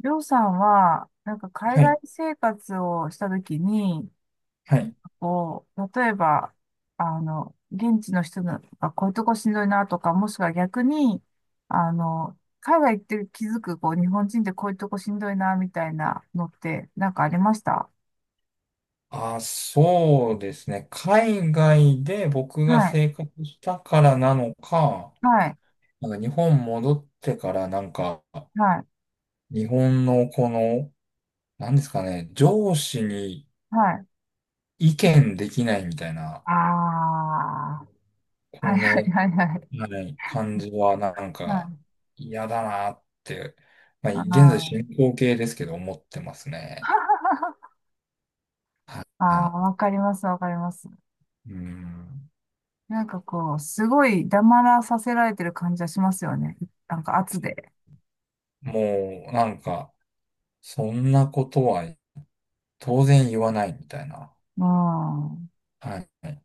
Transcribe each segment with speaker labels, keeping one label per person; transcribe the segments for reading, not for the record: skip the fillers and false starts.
Speaker 1: りょうさんは、なんか海
Speaker 2: は
Speaker 1: 外
Speaker 2: い。
Speaker 1: 生活をしたときに、
Speaker 2: は
Speaker 1: なん
Speaker 2: い。
Speaker 1: かこう、例えば、現地の人がこういうとこしんどいなとか、もしくは逆に、あの、海外行って気づく、こう、日本人ってこういうとこしんどいな、みたいなのって、なんかありました？
Speaker 2: あ、そうですね。海外で僕
Speaker 1: は
Speaker 2: が
Speaker 1: い、
Speaker 2: 生活したからなのか、
Speaker 1: はい、
Speaker 2: なんか日本戻ってからなんか、
Speaker 1: はい、
Speaker 2: 日本のこの、なんですかね、上司に
Speaker 1: はい。
Speaker 2: 意見できないみたいな、
Speaker 1: ああ、は
Speaker 2: こ
Speaker 1: い、
Speaker 2: の、
Speaker 1: はい、はい、はい。
Speaker 2: はい、感じはなん
Speaker 1: は
Speaker 2: か
Speaker 1: い、
Speaker 2: 嫌だなって、まあ、
Speaker 1: あ
Speaker 2: 現在
Speaker 1: ー
Speaker 2: 進行形ですけど思ってますね。はい。
Speaker 1: あ
Speaker 2: はい。
Speaker 1: ー、わかります、わかります。
Speaker 2: うん。
Speaker 1: なんかこう、すごい黙らさせられてる感じはしますよね。なんか圧で。
Speaker 2: もうなんか、そんなことは当然言わないみたいな。
Speaker 1: うん。
Speaker 2: はい。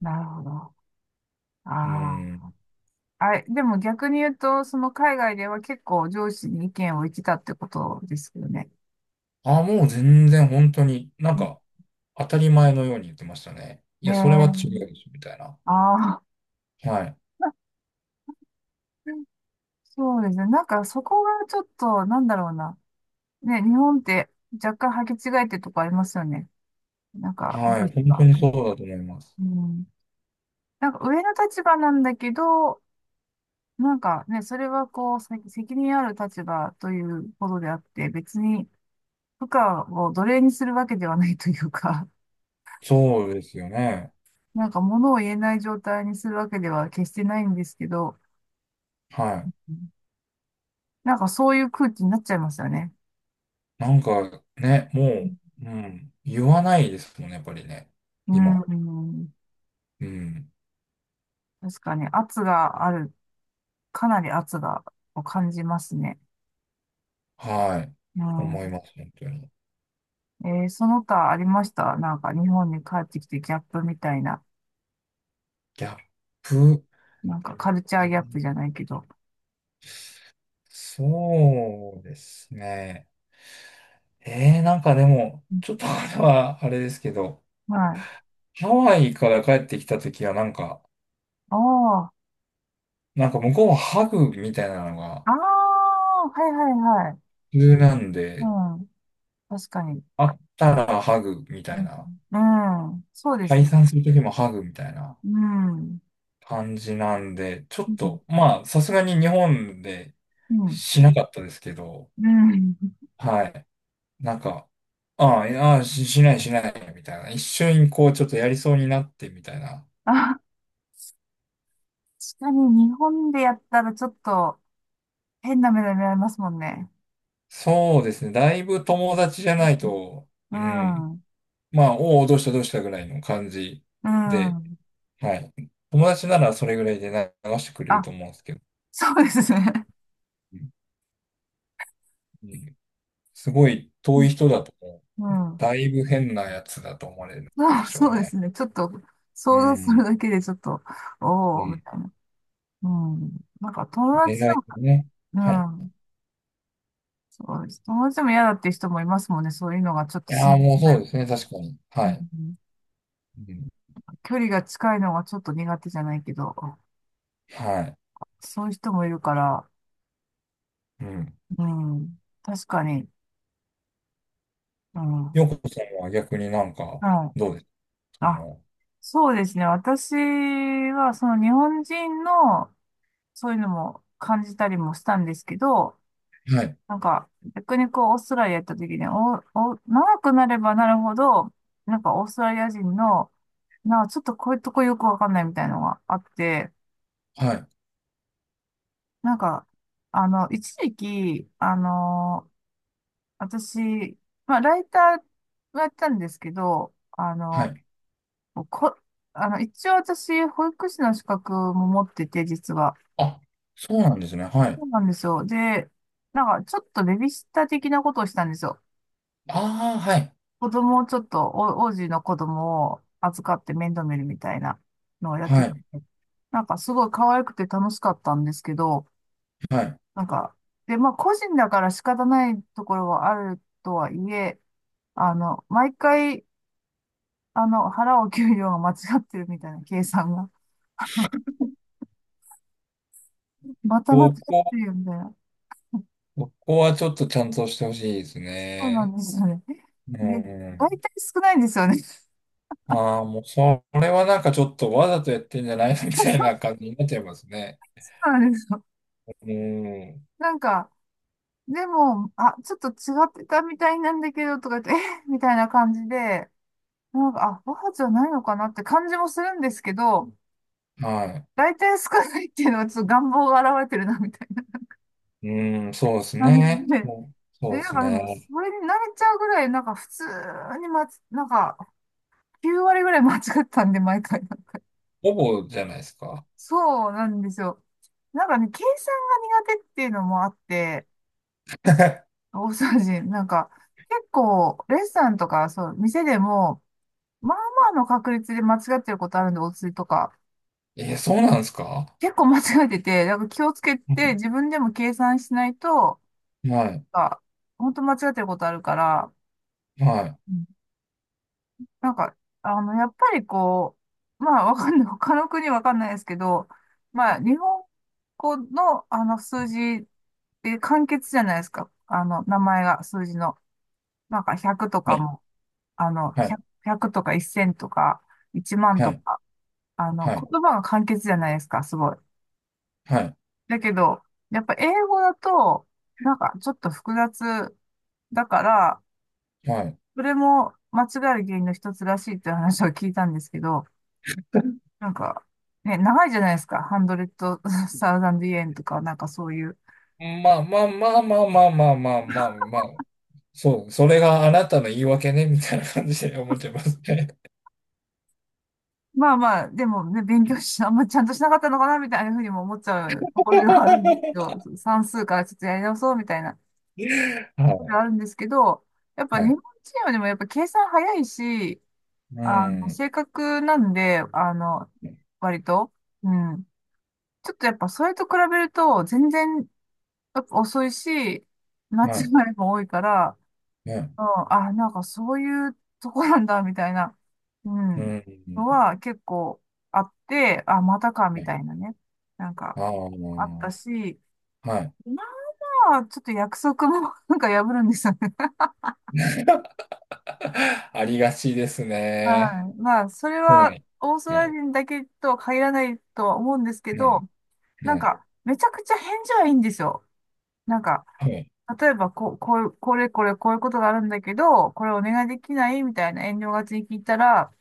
Speaker 1: なるほど。あ
Speaker 2: う
Speaker 1: あ。
Speaker 2: ん。
Speaker 1: あれ、でも逆に言うと、その海外では結構上司に意見を言ってたってことですよね。
Speaker 2: あ、もう全然本当に、なんか当たり前のように言ってましたね。い
Speaker 1: ね
Speaker 2: や、それは違う
Speaker 1: え。
Speaker 2: でしょ、みたいな。
Speaker 1: ああ。
Speaker 2: はい。
Speaker 1: そうですね。なんかそこがちょっと、なんだろうな。ね、日本って若干履き違えてるとこありますよね。なんか、うん。
Speaker 2: はい。本当にそうだと思います。
Speaker 1: うん、なんか上の立場なんだけど、なんかね、それはこう、責任ある立場ということであって、別に部下を奴隷にするわけではないというか、
Speaker 2: そうですよね。
Speaker 1: なんか物を言えない状態にするわけでは決してないんですけど、
Speaker 2: はい。
Speaker 1: うん、なんかそういう空気になっちゃいますよね。
Speaker 2: なんかね、もう、うん。言わないですもんね、やっぱりね。
Speaker 1: うん、
Speaker 2: 今。
Speaker 1: うん、
Speaker 2: うん。
Speaker 1: 確かに圧がある、かなり圧がを感じますね。
Speaker 2: はい。
Speaker 1: う
Speaker 2: 思い
Speaker 1: ん、
Speaker 2: ます、本当に。
Speaker 1: その他ありました？なんか日本に帰ってきてギャップみたいな、
Speaker 2: ギャップ。うん、
Speaker 1: なんかカルチャーギャップじゃないけど。
Speaker 2: そうですね。ええ、なんかでも、
Speaker 1: うん、
Speaker 2: ちょっと あれはあれですけど、
Speaker 1: はい。
Speaker 2: ハワイから帰ってきたときはなんか、
Speaker 1: ああ。
Speaker 2: なんか向こうはハグみたいなのが
Speaker 1: ああ、はい、はい、はい。
Speaker 2: 普通なん
Speaker 1: う
Speaker 2: で、
Speaker 1: ん。確かに。
Speaker 2: 会ったらハグみた
Speaker 1: う
Speaker 2: い
Speaker 1: ん。
Speaker 2: な、
Speaker 1: うん、そうです
Speaker 2: 解
Speaker 1: ね。
Speaker 2: 散するときもハグみたいな
Speaker 1: うん。
Speaker 2: 感じなんで、ちょ
Speaker 1: う
Speaker 2: っ
Speaker 1: ん。
Speaker 2: と、まあ、さすがに日本で
Speaker 1: うん。
Speaker 2: しなかったですけど、
Speaker 1: うん、
Speaker 2: はい。なんか、ああ、いやしないしないみたいな、一緒にこうちょっとやりそうになってみたいな。
Speaker 1: あ、確かに日本でやったらちょっと変な目で見られますもんね。
Speaker 2: そうですね。だいぶ友達じゃないと、
Speaker 1: う
Speaker 2: うん。
Speaker 1: ん。
Speaker 2: まあ、おお、どうしたどうしたぐらいの感じ
Speaker 1: う
Speaker 2: で、
Speaker 1: ん。
Speaker 2: はい。友達ならそれぐらいで流してくれる
Speaker 1: あ、
Speaker 2: と思うんですけど、
Speaker 1: そうですね。
Speaker 2: うん、すごい遠
Speaker 1: う
Speaker 2: い人だと、
Speaker 1: ん。うん、
Speaker 2: だいぶ変なやつだと思われる
Speaker 1: そ
Speaker 2: で
Speaker 1: う、
Speaker 2: しょう
Speaker 1: そうで
Speaker 2: ね。
Speaker 1: すね。ちょっと
Speaker 2: う
Speaker 1: 想像する
Speaker 2: ん。
Speaker 1: だけでちょっと、
Speaker 2: う
Speaker 1: おおみ
Speaker 2: ん。
Speaker 1: たいな。うん。なんか友
Speaker 2: 恋
Speaker 1: 達で
Speaker 2: 愛
Speaker 1: も、
Speaker 2: ね。はい。
Speaker 1: うん。そうです。友達でも嫌だっていう人もいますもんね。そういうのがちょっと
Speaker 2: い
Speaker 1: し
Speaker 2: やー、
Speaker 1: ん
Speaker 2: もう
Speaker 1: ど
Speaker 2: そうです
Speaker 1: い、
Speaker 2: ね、確かに。
Speaker 1: う
Speaker 2: はい。
Speaker 1: ん、
Speaker 2: うん。
Speaker 1: 距離が近いのがちょっと苦手じゃないけど、
Speaker 2: はい。
Speaker 1: そういう人もいるから、
Speaker 2: うん。
Speaker 1: うん。確かに。うん。は
Speaker 2: よこさんは逆になんか、
Speaker 1: い。
Speaker 2: どうです、そ
Speaker 1: あ、
Speaker 2: の、
Speaker 1: そうですね。私は、その日本人の、そういうのも感じたりもしたんですけど、
Speaker 2: はい。
Speaker 1: なんか、逆にこう、オーストラリア行った時に、長くなればなるほど、なんかオーストラリア人の、なんかちょっとこういうとこよくわかんないみたいなのがあって、
Speaker 2: はい。
Speaker 1: なんか、一時期、私、まあ、ライターをやったんですけど、あ
Speaker 2: は
Speaker 1: の、
Speaker 2: い。
Speaker 1: こ、あの、一応私、保育士の資格も持ってて、実は。
Speaker 2: あ、そうなんですね。は
Speaker 1: そ
Speaker 2: い。
Speaker 1: うなんですよ。で、なんか、ちょっとベビーシッター的なことをしたんですよ。
Speaker 2: ああ、はい。
Speaker 1: 子供をちょっと、王子の子供を預かって面倒見るみたいなのをやっ
Speaker 2: は
Speaker 1: てて、
Speaker 2: い。
Speaker 1: なんか、すごい可愛くて楽しかったんですけど、
Speaker 2: はい。
Speaker 1: なんか、で、まあ、個人だから仕方ないところはあるとはいえ、毎回、払う給料が間違ってるみたいな計算が。また間違っ
Speaker 2: そ
Speaker 1: て
Speaker 2: こ
Speaker 1: るよみたいな。
Speaker 2: そこはちょっとちゃんとしてほしいです
Speaker 1: そうなん
Speaker 2: ね。
Speaker 1: ですよね。
Speaker 2: う
Speaker 1: で、大
Speaker 2: ん。
Speaker 1: 体少ないんですよね。そ
Speaker 2: ああ、もうそれはなんかちょっとわざとやってんじゃないのみたいな感じになっちゃいますね。
Speaker 1: うなんですよ。
Speaker 2: うん。
Speaker 1: なんか、でも、あ、ちょっと違ってたみたいなんだけど、とか言って、えみたいな感じで、なんか、あ、母じゃないのかなって感じもするんですけど、
Speaker 2: は
Speaker 1: 大体少ないっていうのはちょっと願望が現れてるな、みたいな
Speaker 2: い。うん、そうです
Speaker 1: 感じ
Speaker 2: ね。
Speaker 1: で。
Speaker 2: そう
Speaker 1: え、
Speaker 2: そうで
Speaker 1: なん
Speaker 2: す
Speaker 1: かでも、
Speaker 2: ね。
Speaker 1: それに慣れちゃうぐらい、なんか普通になんか、9割ぐらい間違ったんで、毎回、なんか。
Speaker 2: ほぼじゃないですか。
Speaker 1: そうなんですよ。なんかね、計算が苦手っていうのもあって、大掃除、なんか、結構、レストランとか、そう、店でも、まあまあの確率で間違ってることあるんで、お釣りとか。
Speaker 2: えー、そうなんですか？
Speaker 1: 結構間違えてて、なんか気をつけ
Speaker 2: う
Speaker 1: て、
Speaker 2: ん、
Speaker 1: 自分でも計算しないと、
Speaker 2: はい、
Speaker 1: なんか、本当間違ってることあるから、
Speaker 2: は
Speaker 1: なんか、やっぱりこう、まあ、わかんない、他の国わかんないですけど、まあ、日本語の、数字で簡潔じゃないですか。あの、名前が、数字の。なんか、100と
Speaker 2: い、
Speaker 1: か
Speaker 2: ね、
Speaker 1: も、あの、
Speaker 2: はい、
Speaker 1: 100、0とか1 0とか、1万
Speaker 2: は
Speaker 1: と
Speaker 2: い、
Speaker 1: か、
Speaker 2: はい、
Speaker 1: 言葉が簡潔じゃないですか、すごい。
Speaker 2: はい、
Speaker 1: だけど、やっぱ英語だと、なんか、ちょっと複雑だから、
Speaker 2: はい。
Speaker 1: それも間違える原因の一つらしいっていう話を聞いたんですけど、なんか、ね、長いじゃないですか。ハンドレットサウザンドイエンとか、なんかそういう。
Speaker 2: まあまあまあまあまあまあまあまあ、まあ、そう、それがあなたの言い訳ね、みたいな感じで思っちゃいますね。
Speaker 1: まあまあ、でもね、勉強し、あんまちゃんとしなかったのかな、みたいなふうにも思っちゃうところではあるんですけど、算数からちょっとやり直そうみたいなと
Speaker 2: は
Speaker 1: ころで
Speaker 2: い
Speaker 1: はあるんですけど、やっぱ
Speaker 2: は
Speaker 1: 日本
Speaker 2: い。
Speaker 1: チームでもやっぱ計算早いし、
Speaker 2: うん。
Speaker 1: 正確なんで、割と、うん。ちょっとやっぱそれと比べると、全然やっぱ遅いし、間違
Speaker 2: はい。
Speaker 1: いも多いから、
Speaker 2: ね。
Speaker 1: うん、あ、なんかそういうとこなんだ、みたいな、う
Speaker 2: う
Speaker 1: ん、の
Speaker 2: ん。
Speaker 1: は結構あって、あ、またか、み
Speaker 2: ね。
Speaker 1: たいなね。なんか
Speaker 2: あ
Speaker 1: あ
Speaker 2: あ、
Speaker 1: ったし、
Speaker 2: はい。
Speaker 1: まあ、ちょっと約束も なんか破るんですよね。
Speaker 2: ありがちです ね。
Speaker 1: はい。まあ、それ
Speaker 2: は
Speaker 1: は
Speaker 2: い。
Speaker 1: オースト
Speaker 2: は
Speaker 1: ラ
Speaker 2: い。
Speaker 1: リア人だけとは限らないとは思うんですけ
Speaker 2: はい。
Speaker 1: ど、なん
Speaker 2: はい。
Speaker 1: か、めちゃくちゃ返事はいいんですよ。なんか、
Speaker 2: はい。
Speaker 1: 例えばこう、こういう、これこれこういうことがあるんだけど、これお願いできないみたいな遠慮がちに聞いたら、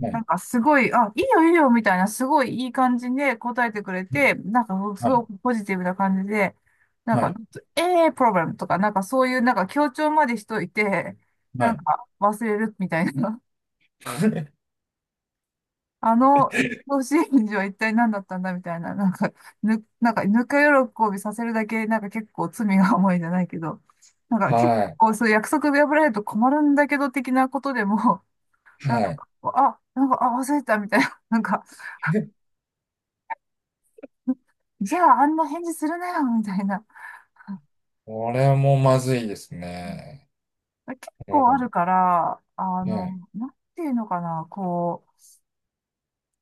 Speaker 2: は
Speaker 1: な
Speaker 2: い。
Speaker 1: んかすごい、あ、いいよいいよみたいな、すごいいい感じで答えてくれて、なんかす
Speaker 2: はい。
Speaker 1: ごいポジティブな感じで、なん
Speaker 2: は
Speaker 1: か、
Speaker 2: い。
Speaker 1: ええー、プロブレムとか、なんかそういうなんか強調までしといて、
Speaker 2: は
Speaker 1: なん
Speaker 2: い。
Speaker 1: か忘れるみたいな、あの、甲子園児は一体何だったんだみたいな、なんか、なんか、ぬか喜びさせるだけ、なんか結構罪が重いじゃないけど、なんか結
Speaker 2: はい。
Speaker 1: 構そういう約束破られると困るんだけど的なことでも、な
Speaker 2: は
Speaker 1: んか、
Speaker 2: い。
Speaker 1: あ、なんか、あ、忘れてたみたいな、なんか、じゃあ、あんな返事するなよ、みたいな。
Speaker 2: これもまずいですね。
Speaker 1: 結
Speaker 2: う
Speaker 1: 構ある
Speaker 2: ん。
Speaker 1: から、
Speaker 2: ね。
Speaker 1: なんていうのかな、こ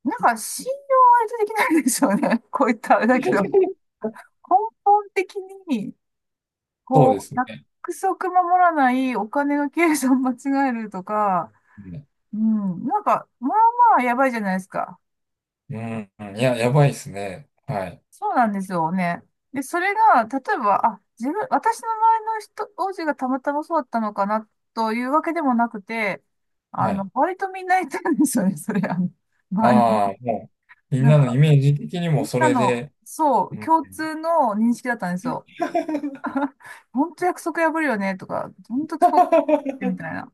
Speaker 1: う、なんか信用は割とできないでしょうね。こういったあれだけど、根本的に、
Speaker 2: そうで
Speaker 1: こう、
Speaker 2: す
Speaker 1: 約
Speaker 2: ね。
Speaker 1: 束守らない、お金の計算間違えるとか、
Speaker 2: うん。
Speaker 1: うん、なんか、まあまあやばいじゃないですか。
Speaker 2: うん。いや、やばいですね。はい。
Speaker 1: そうなんですよね。で、それが、例えば、あ、自分、私の周りの人、王子がたまたまそうだったのかな、というわけでもなくて、
Speaker 2: はい。
Speaker 1: 割とみんないたんですよね、それ、周りに。
Speaker 2: ああ、もう、みん
Speaker 1: なん
Speaker 2: なのイ
Speaker 1: か、
Speaker 2: メージ的に
Speaker 1: み
Speaker 2: も
Speaker 1: ん
Speaker 2: そ
Speaker 1: な
Speaker 2: れ
Speaker 1: の、
Speaker 2: で、
Speaker 1: そう、
Speaker 2: うん。
Speaker 1: 共通の認識だったんですよ。本当約束破るよね、とか、本当遅刻す てみたいな。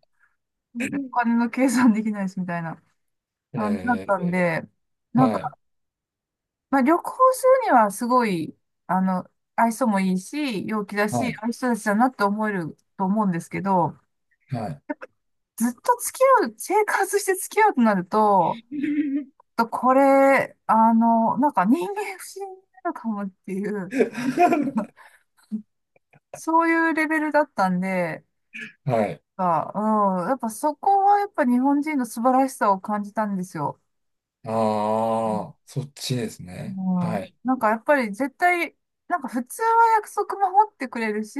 Speaker 1: でお金の計算できないし、みたいな感じだったん
Speaker 2: え
Speaker 1: で、
Speaker 2: ー、
Speaker 1: なん
Speaker 2: はい、
Speaker 1: まあ、旅行するにはすごい、あの、愛想もいいし、陽気だ
Speaker 2: は
Speaker 1: し、あ
Speaker 2: い、
Speaker 1: あいう人たちだなって思えると思うんですけど、
Speaker 2: はい。
Speaker 1: ずっと付き合う、生活して付き合うとなると、ちょっとこれ、なんか人間不信になるかもっていう、そういうレベルだったんで、や
Speaker 2: は
Speaker 1: っ
Speaker 2: い。
Speaker 1: ぱ、うん、やっぱそこはやっぱ日本人の素晴らしさを感じたんですよ。
Speaker 2: ああ、
Speaker 1: う
Speaker 2: そっちですね。
Speaker 1: ん、
Speaker 2: は
Speaker 1: う
Speaker 2: い、
Speaker 1: ん、なんかやっぱり絶対、なんか普通は約束守ってくれるし、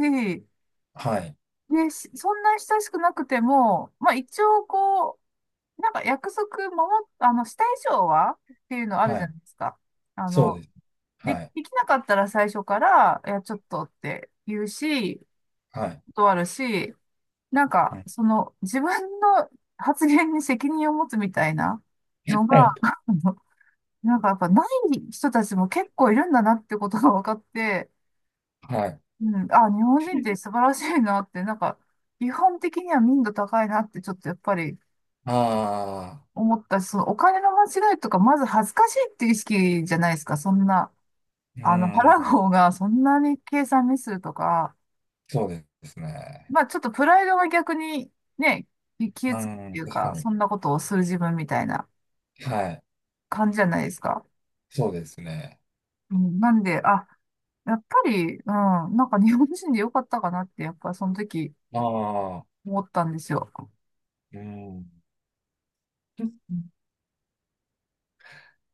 Speaker 2: はい、
Speaker 1: ね、しそんな親しくなくても、まあ一応こう、なんか約束守っ、あの、した以上はっていうのある
Speaker 2: は
Speaker 1: じゃ
Speaker 2: い。
Speaker 1: ないですか。あ
Speaker 2: そう
Speaker 1: の、
Speaker 2: です。
Speaker 1: で、
Speaker 2: はい、
Speaker 1: できなかったら最初から、いや、ちょっとって言うし、
Speaker 2: はい。
Speaker 1: 断るし、なん
Speaker 2: う
Speaker 1: か、
Speaker 2: ん、
Speaker 1: その、自分の発言に責任を持つみたいな
Speaker 2: は
Speaker 1: のが、
Speaker 2: い。
Speaker 1: あのなんかやっぱない人たちも結構いるんだなってことが分かって、
Speaker 2: はい。
Speaker 1: うん、あ、日本人って素晴らしいなって、なんか、基本的には民度高いなって、ちょっとやっぱり
Speaker 2: ああ、
Speaker 1: 思ったし、そのお金の間違いとか、まず恥ずかしいっていう意識じゃないですか、そんな。
Speaker 2: うー
Speaker 1: 払う
Speaker 2: ん、
Speaker 1: 方がそんなに計算ミスるとか、
Speaker 2: そうですね。
Speaker 1: まあちょっとプライドが逆にね、き消え
Speaker 2: う
Speaker 1: つくって
Speaker 2: ん、
Speaker 1: いう
Speaker 2: 確か
Speaker 1: か、
Speaker 2: に。
Speaker 1: そんなことをする自分みたいな
Speaker 2: はい、
Speaker 1: 感じじゃないですか。
Speaker 2: そうですね。
Speaker 1: うん、なんで、あ、やっぱり、うん、なんか日本人でよかったかなって、やっぱその時
Speaker 2: ああ、
Speaker 1: 思ったんですよ。
Speaker 2: うん。
Speaker 1: うん、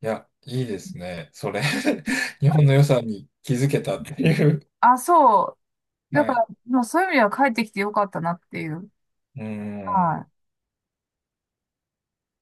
Speaker 2: いや、いいですね。それ 日本の良さに気づけたっていう。
Speaker 1: あ、そう。だ
Speaker 2: は
Speaker 1: か
Speaker 2: い。
Speaker 1: ら、もうそういう意味では帰ってきてよかったなっていう。
Speaker 2: う
Speaker 1: は
Speaker 2: ん。
Speaker 1: い。